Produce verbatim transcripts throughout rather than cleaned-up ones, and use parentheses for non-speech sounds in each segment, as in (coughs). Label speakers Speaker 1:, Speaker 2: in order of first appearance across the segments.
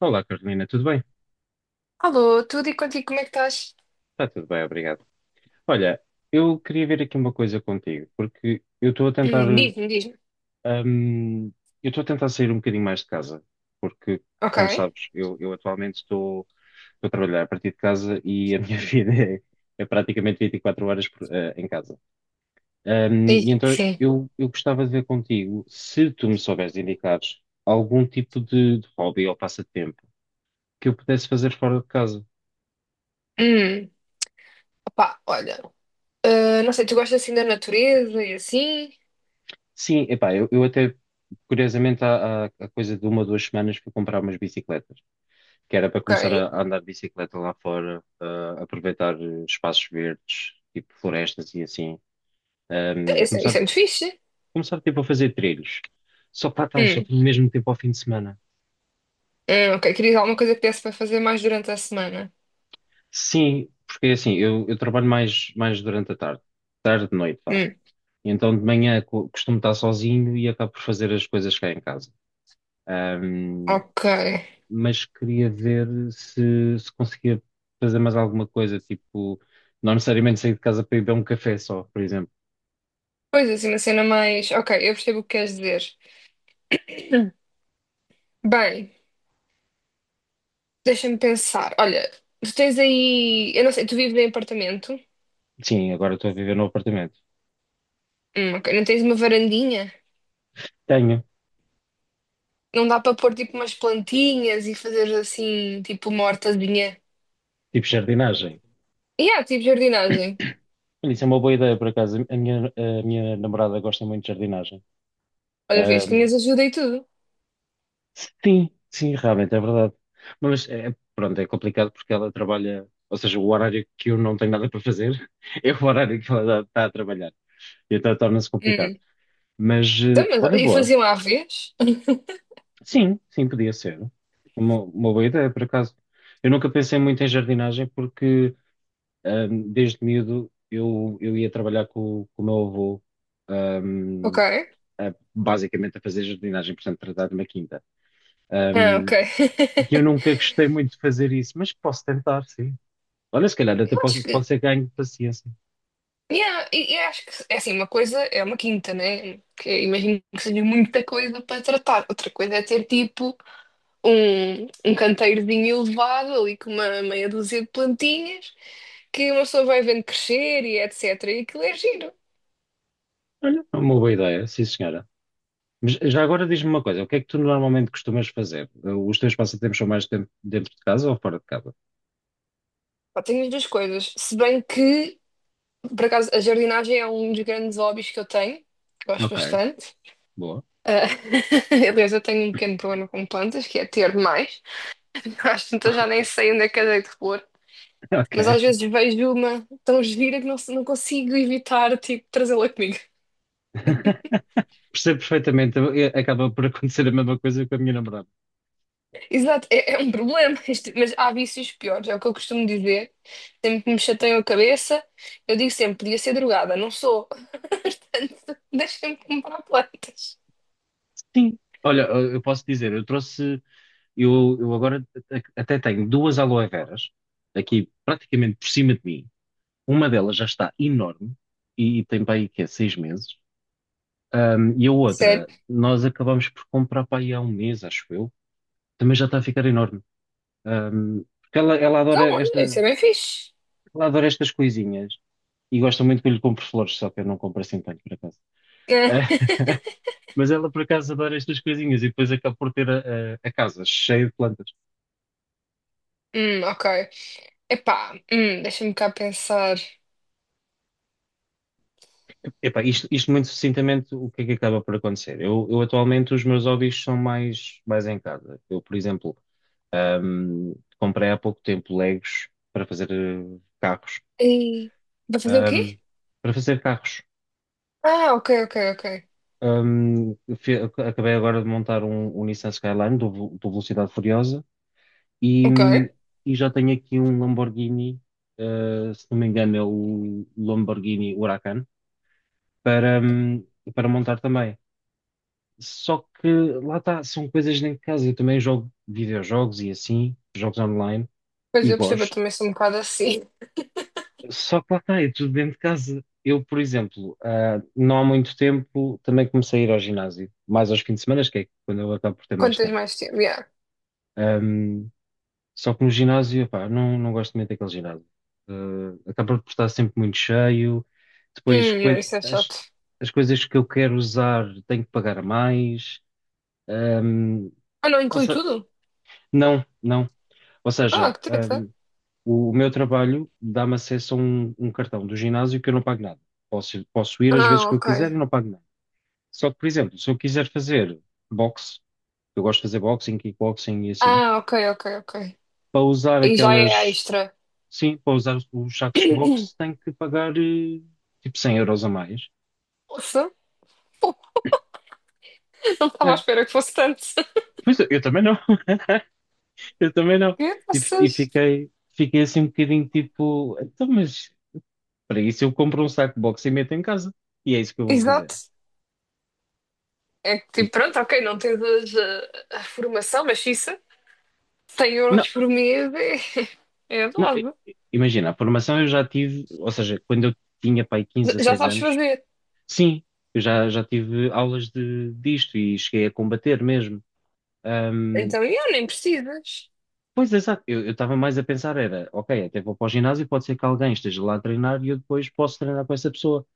Speaker 1: Olá, Carolina, tudo bem?
Speaker 2: Alô, tudo e contigo, como é que estás?
Speaker 1: Está tudo bem, obrigado. Olha, eu queria ver aqui uma coisa contigo, porque eu estou a tentar,
Speaker 2: Hum, Diz-me, diz-me.
Speaker 1: hum, eu estou a tentar sair um bocadinho mais de casa, porque, como
Speaker 2: Ok.
Speaker 1: sabes, eu, eu atualmente estou, estou a trabalhar a partir de casa e a minha (laughs) vida é, é praticamente vinte e quatro horas por- eh, em casa. Hum, e
Speaker 2: Diz,
Speaker 1: então
Speaker 2: sim.
Speaker 1: eu, eu gostava de ver contigo se tu me souberes indicar algum tipo de, de hobby ou passatempo que eu pudesse fazer fora de casa.
Speaker 2: Hum, Opá, olha. Ah, não sei, tu gostas assim da natureza e assim?
Speaker 1: Sim, epá, eu, eu até, curiosamente, há, há, há coisa de uma ou duas semanas fui comprar umas bicicletas, que era para começar a,
Speaker 2: Ok.
Speaker 1: a andar de bicicleta lá fora, a aproveitar eh, espaços verdes, tipo florestas e assim, ehm, e
Speaker 2: Isso, é isso
Speaker 1: começar,
Speaker 2: é muito fixe.
Speaker 1: começar tipo a fazer trilhos. Só que lá está, só
Speaker 2: Hum,
Speaker 1: tenho mesmo tempo ao fim de semana.
Speaker 2: hum, ok, querias alguma coisa que desse para fazer mais durante a semana?
Speaker 1: Sim, porque é assim, eu, eu trabalho mais, mais durante a tarde, tarde, noite, vá.
Speaker 2: Hum,
Speaker 1: E então de manhã co- costumo estar sozinho e acabo por fazer as coisas cá em casa. Hum,
Speaker 2: ok.
Speaker 1: mas queria ver se, se conseguia fazer mais alguma coisa, tipo, não necessariamente sair de casa para ir beber um café só, por exemplo.
Speaker 2: Pois assim, uma cena mais. Ok, eu percebo o que queres dizer. Bem, deixa-me pensar. Olha, tu tens aí. Eu não sei, tu vives em apartamento?
Speaker 1: Sim, agora estou a viver no apartamento.
Speaker 2: Hum, ok. Não tens uma varandinha?
Speaker 1: Tenho,
Speaker 2: Não dá para pôr tipo umas plantinhas e fazer assim, tipo uma hortazinha.
Speaker 1: tipo, jardinagem.
Speaker 2: E há, tipo jardinagem.
Speaker 1: Olha, isso é uma boa ideia, por acaso. A minha, a minha namorada gosta muito de jardinagem.
Speaker 2: Olha, vês,
Speaker 1: Ahm,
Speaker 2: tinhas ajuda e tudo.
Speaker 1: sim, sim, realmente, é verdade. Mas, é, pronto, é complicado porque ela trabalha, ou seja, o horário que eu não tenho nada para fazer (laughs) é o horário que ela está a trabalhar. E então torna-se complicado.
Speaker 2: Hum.
Speaker 1: Mas,
Speaker 2: Então,
Speaker 1: eh, olha,
Speaker 2: mas, e
Speaker 1: boa.
Speaker 2: faziam à vez?
Speaker 1: Sim, sim, podia ser. Uma, uma boa ideia, por acaso. Eu nunca pensei muito em jardinagem porque ahm, desde miúdo eu, eu ia trabalhar com, com o meu avô,
Speaker 2: Ok.
Speaker 1: ahm, a- basicamente a fazer jardinagem, portanto, tratar de uma quinta.
Speaker 2: Ah, ok.
Speaker 1: Ahm,
Speaker 2: (laughs)
Speaker 1: e eu nunca gostei muito de fazer isso, mas posso tentar, sim. Olha, se calhar até
Speaker 2: Eu acho
Speaker 1: posso, pode
Speaker 2: que.
Speaker 1: ser ganho de paciência.
Speaker 2: Yeah, e- eu acho que é assim, uma coisa é uma quinta, né? Que eu imagino que seja muita coisa para tratar. Outra coisa é ter tipo um, um canteirozinho elevado ali com uma meia dúzia de plantinhas que uma pessoa vai vendo crescer e etecetera. E aquilo é giro.
Speaker 1: Olha, é uma boa ideia, sim, senhora. Mas já agora diz-me uma coisa, o que é que tu normalmente costumas fazer? Os teus passatempos são mais dentro, dentro de casa ou fora de casa?
Speaker 2: Pá, tenho muitas coisas. Se bem que, por acaso, a jardinagem é um dos grandes hobbies que eu tenho, que gosto
Speaker 1: Ok.
Speaker 2: bastante.
Speaker 1: Boa.
Speaker 2: Ah, (laughs) aliás, eu tenho um pequeno problema com plantas, que é ter demais. (laughs) Às tantas já nem sei onde é que eu dei de repor.
Speaker 1: (laughs) Ok.
Speaker 2: Mas às vezes vejo uma tão gira que não, se- não consigo evitar, tipo, trazê-la comigo.
Speaker 1: (laughs) Percebo perfeitamente. Eu- acaba por acontecer a mesma coisa com a minha namorada.
Speaker 2: (laughs) Exato, é, é um problema, (laughs) isto- mas há vícios piores, é o que eu costumo dizer. Sempre que me chateiam a cabeça, eu digo sempre, podia ser drogada, não sou. (laughs) Portanto, deixem-me comprar plantas.
Speaker 1: Sim. Olha, eu eu posso dizer, eu trouxe, eu, eu agora a- até tenho duas aloe veras aqui praticamente por cima de mim. Uma delas já está enorme e, e tem para aí que é seis meses. Ahm, e a
Speaker 2: Sério.
Speaker 1: outra, nós acabamos por comprar para aí há um mês, acho eu. Também já está a ficar enorme. Ahm, porque ela, ela
Speaker 2: Então,
Speaker 1: adora
Speaker 2: olha, isso é
Speaker 1: esta,
Speaker 2: bem fixe.
Speaker 1: ela adora estas coisinhas e gosta muito que eu lhe compre flores, só que eu não compro assim tanto para É,
Speaker 2: (laughs)
Speaker 1: mas ela por acaso adora estas coisinhas e depois acaba por ter a, a- a casa cheia de plantas.
Speaker 2: Hum, ok. Epá, hum, deixa-me cá pensar.
Speaker 1: Epá, isto, isto muito sucintamente, o que é que acaba por acontecer? Eu, eu atualmente os meus hobbies são mais, mais em casa. Eu, por exemplo, ahm, comprei há pouco tempo Legos para fazer eh, carros.
Speaker 2: E... Vai fazer o
Speaker 1: Ahm,
Speaker 2: quê?
Speaker 1: para fazer carros.
Speaker 2: Ah, ok, ok, ok.
Speaker 1: Ahm, fe- acabei agora de montar um, um Nissan Skyline do, Vel- do Velocidade Furiosa E,
Speaker 2: Ok.
Speaker 1: e já tenho aqui um Lamborghini, eh, se não me engano é o Lamborghini Huracan, para, hum, para montar também. Só que lá está, são coisas dentro de casa. Eu também jogo videojogos e assim, jogos online,
Speaker 2: Pois
Speaker 1: e
Speaker 2: eu percebo, eu
Speaker 1: gosto.
Speaker 2: também sou um bocado assim. (laughs)
Speaker 1: Só que lá está, é tudo dentro de casa. Eu, por exemplo, ah, não há muito tempo também comecei a ir ao ginásio, mais aos fins de semana, que é quando eu acabo por ter
Speaker 2: Quanto
Speaker 1: mais
Speaker 2: tens
Speaker 1: tempo.
Speaker 2: mais tempo? Yeah.
Speaker 1: Só que no ginásio, pá, não, não gosto muito daquele ginásio. Eh, acaba por estar sempre muito cheio.
Speaker 2: Hum,
Speaker 1: Depois,
Speaker 2: yeah,
Speaker 1: coi-
Speaker 2: isso é
Speaker 1: as,
Speaker 2: chato.
Speaker 1: as coisas que eu quero usar tenho que pagar mais. Ahm,
Speaker 2: Ah, não
Speaker 1: ou
Speaker 2: inclui
Speaker 1: se-
Speaker 2: tudo?
Speaker 1: não, não. Ou
Speaker 2: Ah,
Speaker 1: seja,
Speaker 2: que treta.
Speaker 1: ahm, o, o meu trabalho dá-me acesso a um, um cartão do ginásio que eu não pago nada. Posso, posso ir às vezes
Speaker 2: Ah,
Speaker 1: que eu
Speaker 2: ok.
Speaker 1: quiser e não pago nada. Só que, por exemplo, se eu quiser fazer boxe, eu gosto de fazer boxing, kickboxing e assim,
Speaker 2: Ah, ok, ok, ok.
Speaker 1: para usar
Speaker 2: E já é
Speaker 1: aquelas
Speaker 2: extra.
Speaker 1: Sim, para usar o
Speaker 2: (coughs)
Speaker 1: Jackbox
Speaker 2: (clears throat)
Speaker 1: tem que pagar eh, tipo cem euros a mais.
Speaker 2: Nossa, pô, não estava à
Speaker 1: É.
Speaker 2: espera que fosse tanto. (laughs)
Speaker 1: Pois eu, eu também não, (laughs) eu também não.
Speaker 2: Que
Speaker 1: E, fi- e
Speaker 2: vocês?
Speaker 1: fiquei, fiquei assim um bocadinho tipo, então, mas para isso eu compro um saco Jackbox e meto em casa. E é isso que eu vou fazer.
Speaker 2: Exato. É que, tipo, pronto, ok, não tens a, a- a formação, mas isso. 100
Speaker 1: Não,
Speaker 2: euros por mês é, é
Speaker 1: não, i-
Speaker 2: dose.
Speaker 1: i- imagina, a formação eu já tive, ou seja, quando eu tinha pai quinze,
Speaker 2: Já
Speaker 1: dezesseis
Speaker 2: sabes
Speaker 1: anos,
Speaker 2: fazer.
Speaker 1: sim, eu já, já tive aulas de, disto e cheguei a combater mesmo.
Speaker 2: Então, yeah, nem precisas.
Speaker 1: Pois, exato. Eu estava mais a pensar era, ok, até vou para o ginásio, pode ser que alguém esteja lá a treinar e eu depois posso treinar com essa pessoa.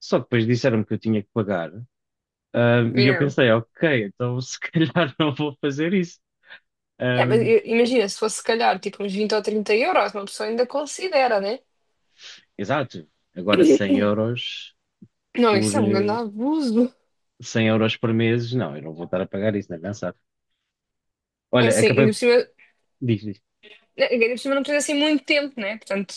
Speaker 1: Só que depois disseram-me que eu tinha que pagar. ahm, e eu
Speaker 2: Yeah.
Speaker 1: pensei, ok, então se (laughs) calhar não vou fazer isso.
Speaker 2: Yeah, mas
Speaker 1: Ahm,
Speaker 2: i- imagina, se fosse se calhar tipo uns vinte ou trinta euros, uma pessoa ainda considera, né?
Speaker 1: exato. Agora cem euros
Speaker 2: Não,
Speaker 1: por,
Speaker 2: isso é um grande
Speaker 1: eh,
Speaker 2: abuso.
Speaker 1: cem euros por mês, não, eu não vou estar a pagar isso, nem pensar.
Speaker 2: É
Speaker 1: Olha,
Speaker 2: assim,
Speaker 1: acabei...
Speaker 2: ainda por cima,
Speaker 1: Diz, diz.
Speaker 2: né, ainda por cima não precisa assim muito tempo, né? Portanto,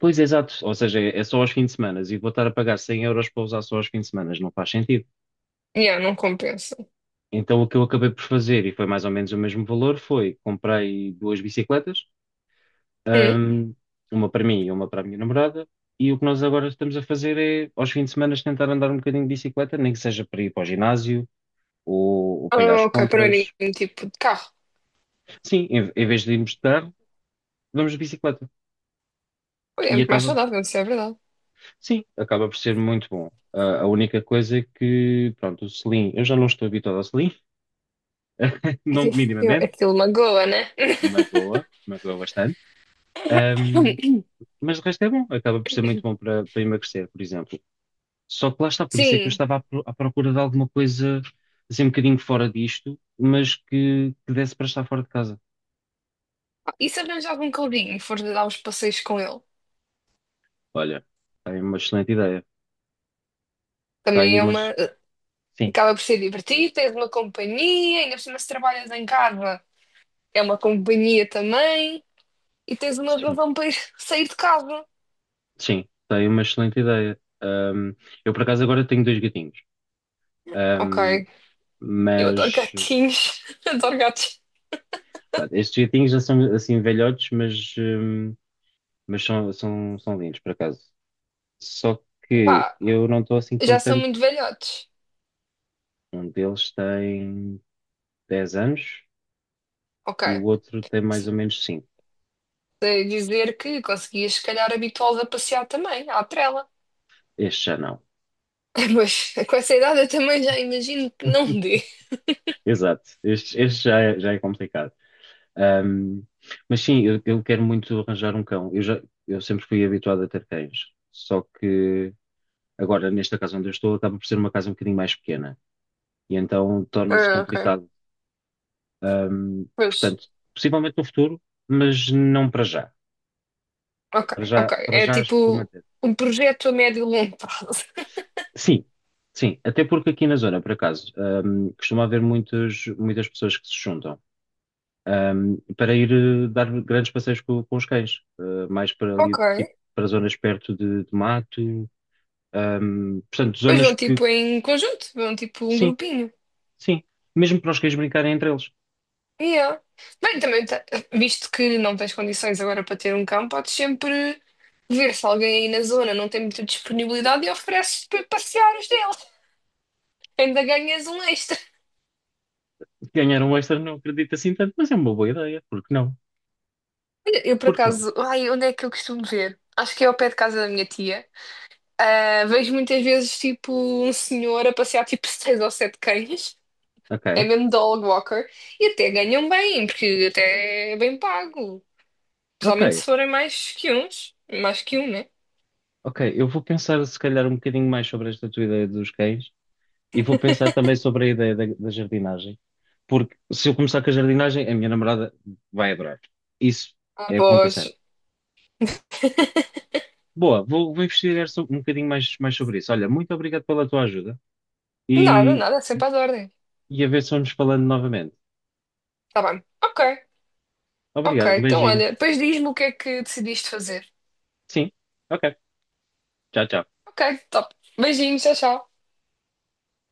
Speaker 1: Pois, exato. Ou seja, é só aos fins de semana e vou estar a pagar cem euros para usar só aos fins de semana. Não faz sentido.
Speaker 2: yeah, não compensa.
Speaker 1: Então, o que eu acabei por fazer, e foi mais ou menos o mesmo valor, foi comprei duas bicicletas,
Speaker 2: Hum?
Speaker 1: hum, uma para mim e uma para a minha namorada, e o que nós agora estamos a fazer é, aos fins de semana, tentar andar um bocadinho de bicicleta, nem que seja para ir para o ginásio ou, ou para ir
Speaker 2: Ah,
Speaker 1: às
Speaker 2: ok, para mim,
Speaker 1: compras.
Speaker 2: tipo, de carro.
Speaker 1: Sim, em, em vez de irmos de carro, vamos de bicicleta.
Speaker 2: Olha, é
Speaker 1: E
Speaker 2: muito mais
Speaker 1: acaba,
Speaker 2: saudável, isso é verdade.
Speaker 1: sim, acaba por ser muito bom. Ah, a única coisa é que, pronto, o selim, eu já não estou habituado ao selim, (laughs) não
Speaker 2: (laughs) Eu-
Speaker 1: minimamente,
Speaker 2: aquilo magoa, né?
Speaker 1: magoa, magoa bastante. Hum,
Speaker 2: (laughs)
Speaker 1: Mas o resto é bom, acaba por ser muito bom para, para emagrecer, por exemplo. Só que lá está, por isso é que eu
Speaker 2: Sim.
Speaker 1: estava à, pro- à procura de alguma coisa assim um bocadinho fora disto, mas que, que desse para estar fora de casa.
Speaker 2: E se arranjar algum caldinho e for dar uns passeios com ele?
Speaker 1: Olha, está aí uma excelente ideia. Está
Speaker 2: Também
Speaker 1: aí
Speaker 2: é
Speaker 1: umas.
Speaker 2: uma.
Speaker 1: Sim,
Speaker 2: Acaba por ser divertido, tens uma companhia, ainda por cima se trabalhas em casa, é uma companhia também, e tens uma
Speaker 1: sim,
Speaker 2: razão para ir (laughs) sair de casa.
Speaker 1: sim, está aí uma excelente ideia. Ahm, eu por acaso agora tenho dois gatinhos,
Speaker 2: Ok,
Speaker 1: Ahm,
Speaker 2: eu adoro
Speaker 1: mas
Speaker 2: gatinhos, (laughs) adoro gatos.
Speaker 1: pronto, estes gatinhos já são assim velhotes, mas, ahm, mas são, são, são lindos por acaso. Só que
Speaker 2: Epá,
Speaker 1: eu não estou assim
Speaker 2: já são
Speaker 1: contente
Speaker 2: muito velhotes.
Speaker 1: Um deles tem dez anos e o
Speaker 2: Ok,
Speaker 1: outro tem mais ou menos cinco.
Speaker 2: sei dizer que conseguias se calhar habituá-los a passear também, à trela.
Speaker 1: Este já não.
Speaker 2: (laughs) Mas com essa idade eu também já imagino que não dê.
Speaker 1: Exato. Este, este já é, já é complicado. Ahm, mas sim, eu, eu quero muito arranjar um cão. Eu, já, eu sempre fui habituado a ter cães. Só que agora, nesta casa onde eu estou, acaba por ser uma casa um bocadinho mais pequena. E então torna-se
Speaker 2: Ah, ok,
Speaker 1: complicado. Ahm,
Speaker 2: pois,
Speaker 1: portanto, possivelmente no futuro, mas não para já.
Speaker 2: ok,
Speaker 1: Para já,
Speaker 2: ok.
Speaker 1: para
Speaker 2: É
Speaker 1: já acho que vou
Speaker 2: tipo
Speaker 1: manter.
Speaker 2: um projeto a médio e longo prazo.
Speaker 1: Sim, sim, até porque aqui na zona, por acaso, hum, costuma haver muitas, muitas pessoas que se juntam, hum, para ir eh, dar grandes passeios co- com, os cães, eh, mais para
Speaker 2: (laughs) Ok.
Speaker 1: ali, tipo, para zonas perto de, de mato, hum, portanto,
Speaker 2: Pois
Speaker 1: zonas
Speaker 2: vão
Speaker 1: que,
Speaker 2: tipo em conjunto, vão tipo um
Speaker 1: sim,
Speaker 2: grupinho.
Speaker 1: sim, mesmo para os cães brincarem entre eles.
Speaker 2: Yeah. Bem, também, tá- visto que não tens condições agora para ter um cão, podes sempre ver se alguém aí na zona não tem muita disponibilidade e ofereces para passear os dele. Ainda ganhas um extra.
Speaker 1: Ganhar um extra não acredito assim tanto, mas é uma boa ideia, porque não?
Speaker 2: Eu, por
Speaker 1: Porque não?
Speaker 2: acaso, ai, onde é que eu costumo ver? Acho que é ao pé de casa da minha tia. Ah, vejo muitas vezes tipo um senhor a passear tipo (laughs) seis ou sete cães. É
Speaker 1: Ok,
Speaker 2: mesmo dog walker. E até ganham bem, porque até é bem pago.
Speaker 1: ok,
Speaker 2: Principalmente se forem mais que uns, mais que um, né?
Speaker 1: ok, eu vou pensar se calhar um bocadinho mais sobre esta tua ideia dos cães e vou pensar também sobre a ideia da, da jardinagem, porque se eu começar com a jardinagem, a minha namorada vai adorar. Isso é ponto ponta.
Speaker 2: Após.
Speaker 1: Boa, vou, vou investigar so- um bocadinho mais, mais sobre isso. Olha, muito obrigado pela tua ajuda
Speaker 2: Nada,
Speaker 1: e,
Speaker 2: nada, é sempre às ordens.
Speaker 1: e a ver se vamos falando novamente.
Speaker 2: Tá bem. Ok, ok.
Speaker 1: Obrigado, um
Speaker 2: Então,
Speaker 1: beijinho.
Speaker 2: olha, depois diz-me o que é que decidiste fazer.
Speaker 1: Sim, ok. Tchau, tchau.
Speaker 2: Ok, top. Beijinhos, tchau, tchau.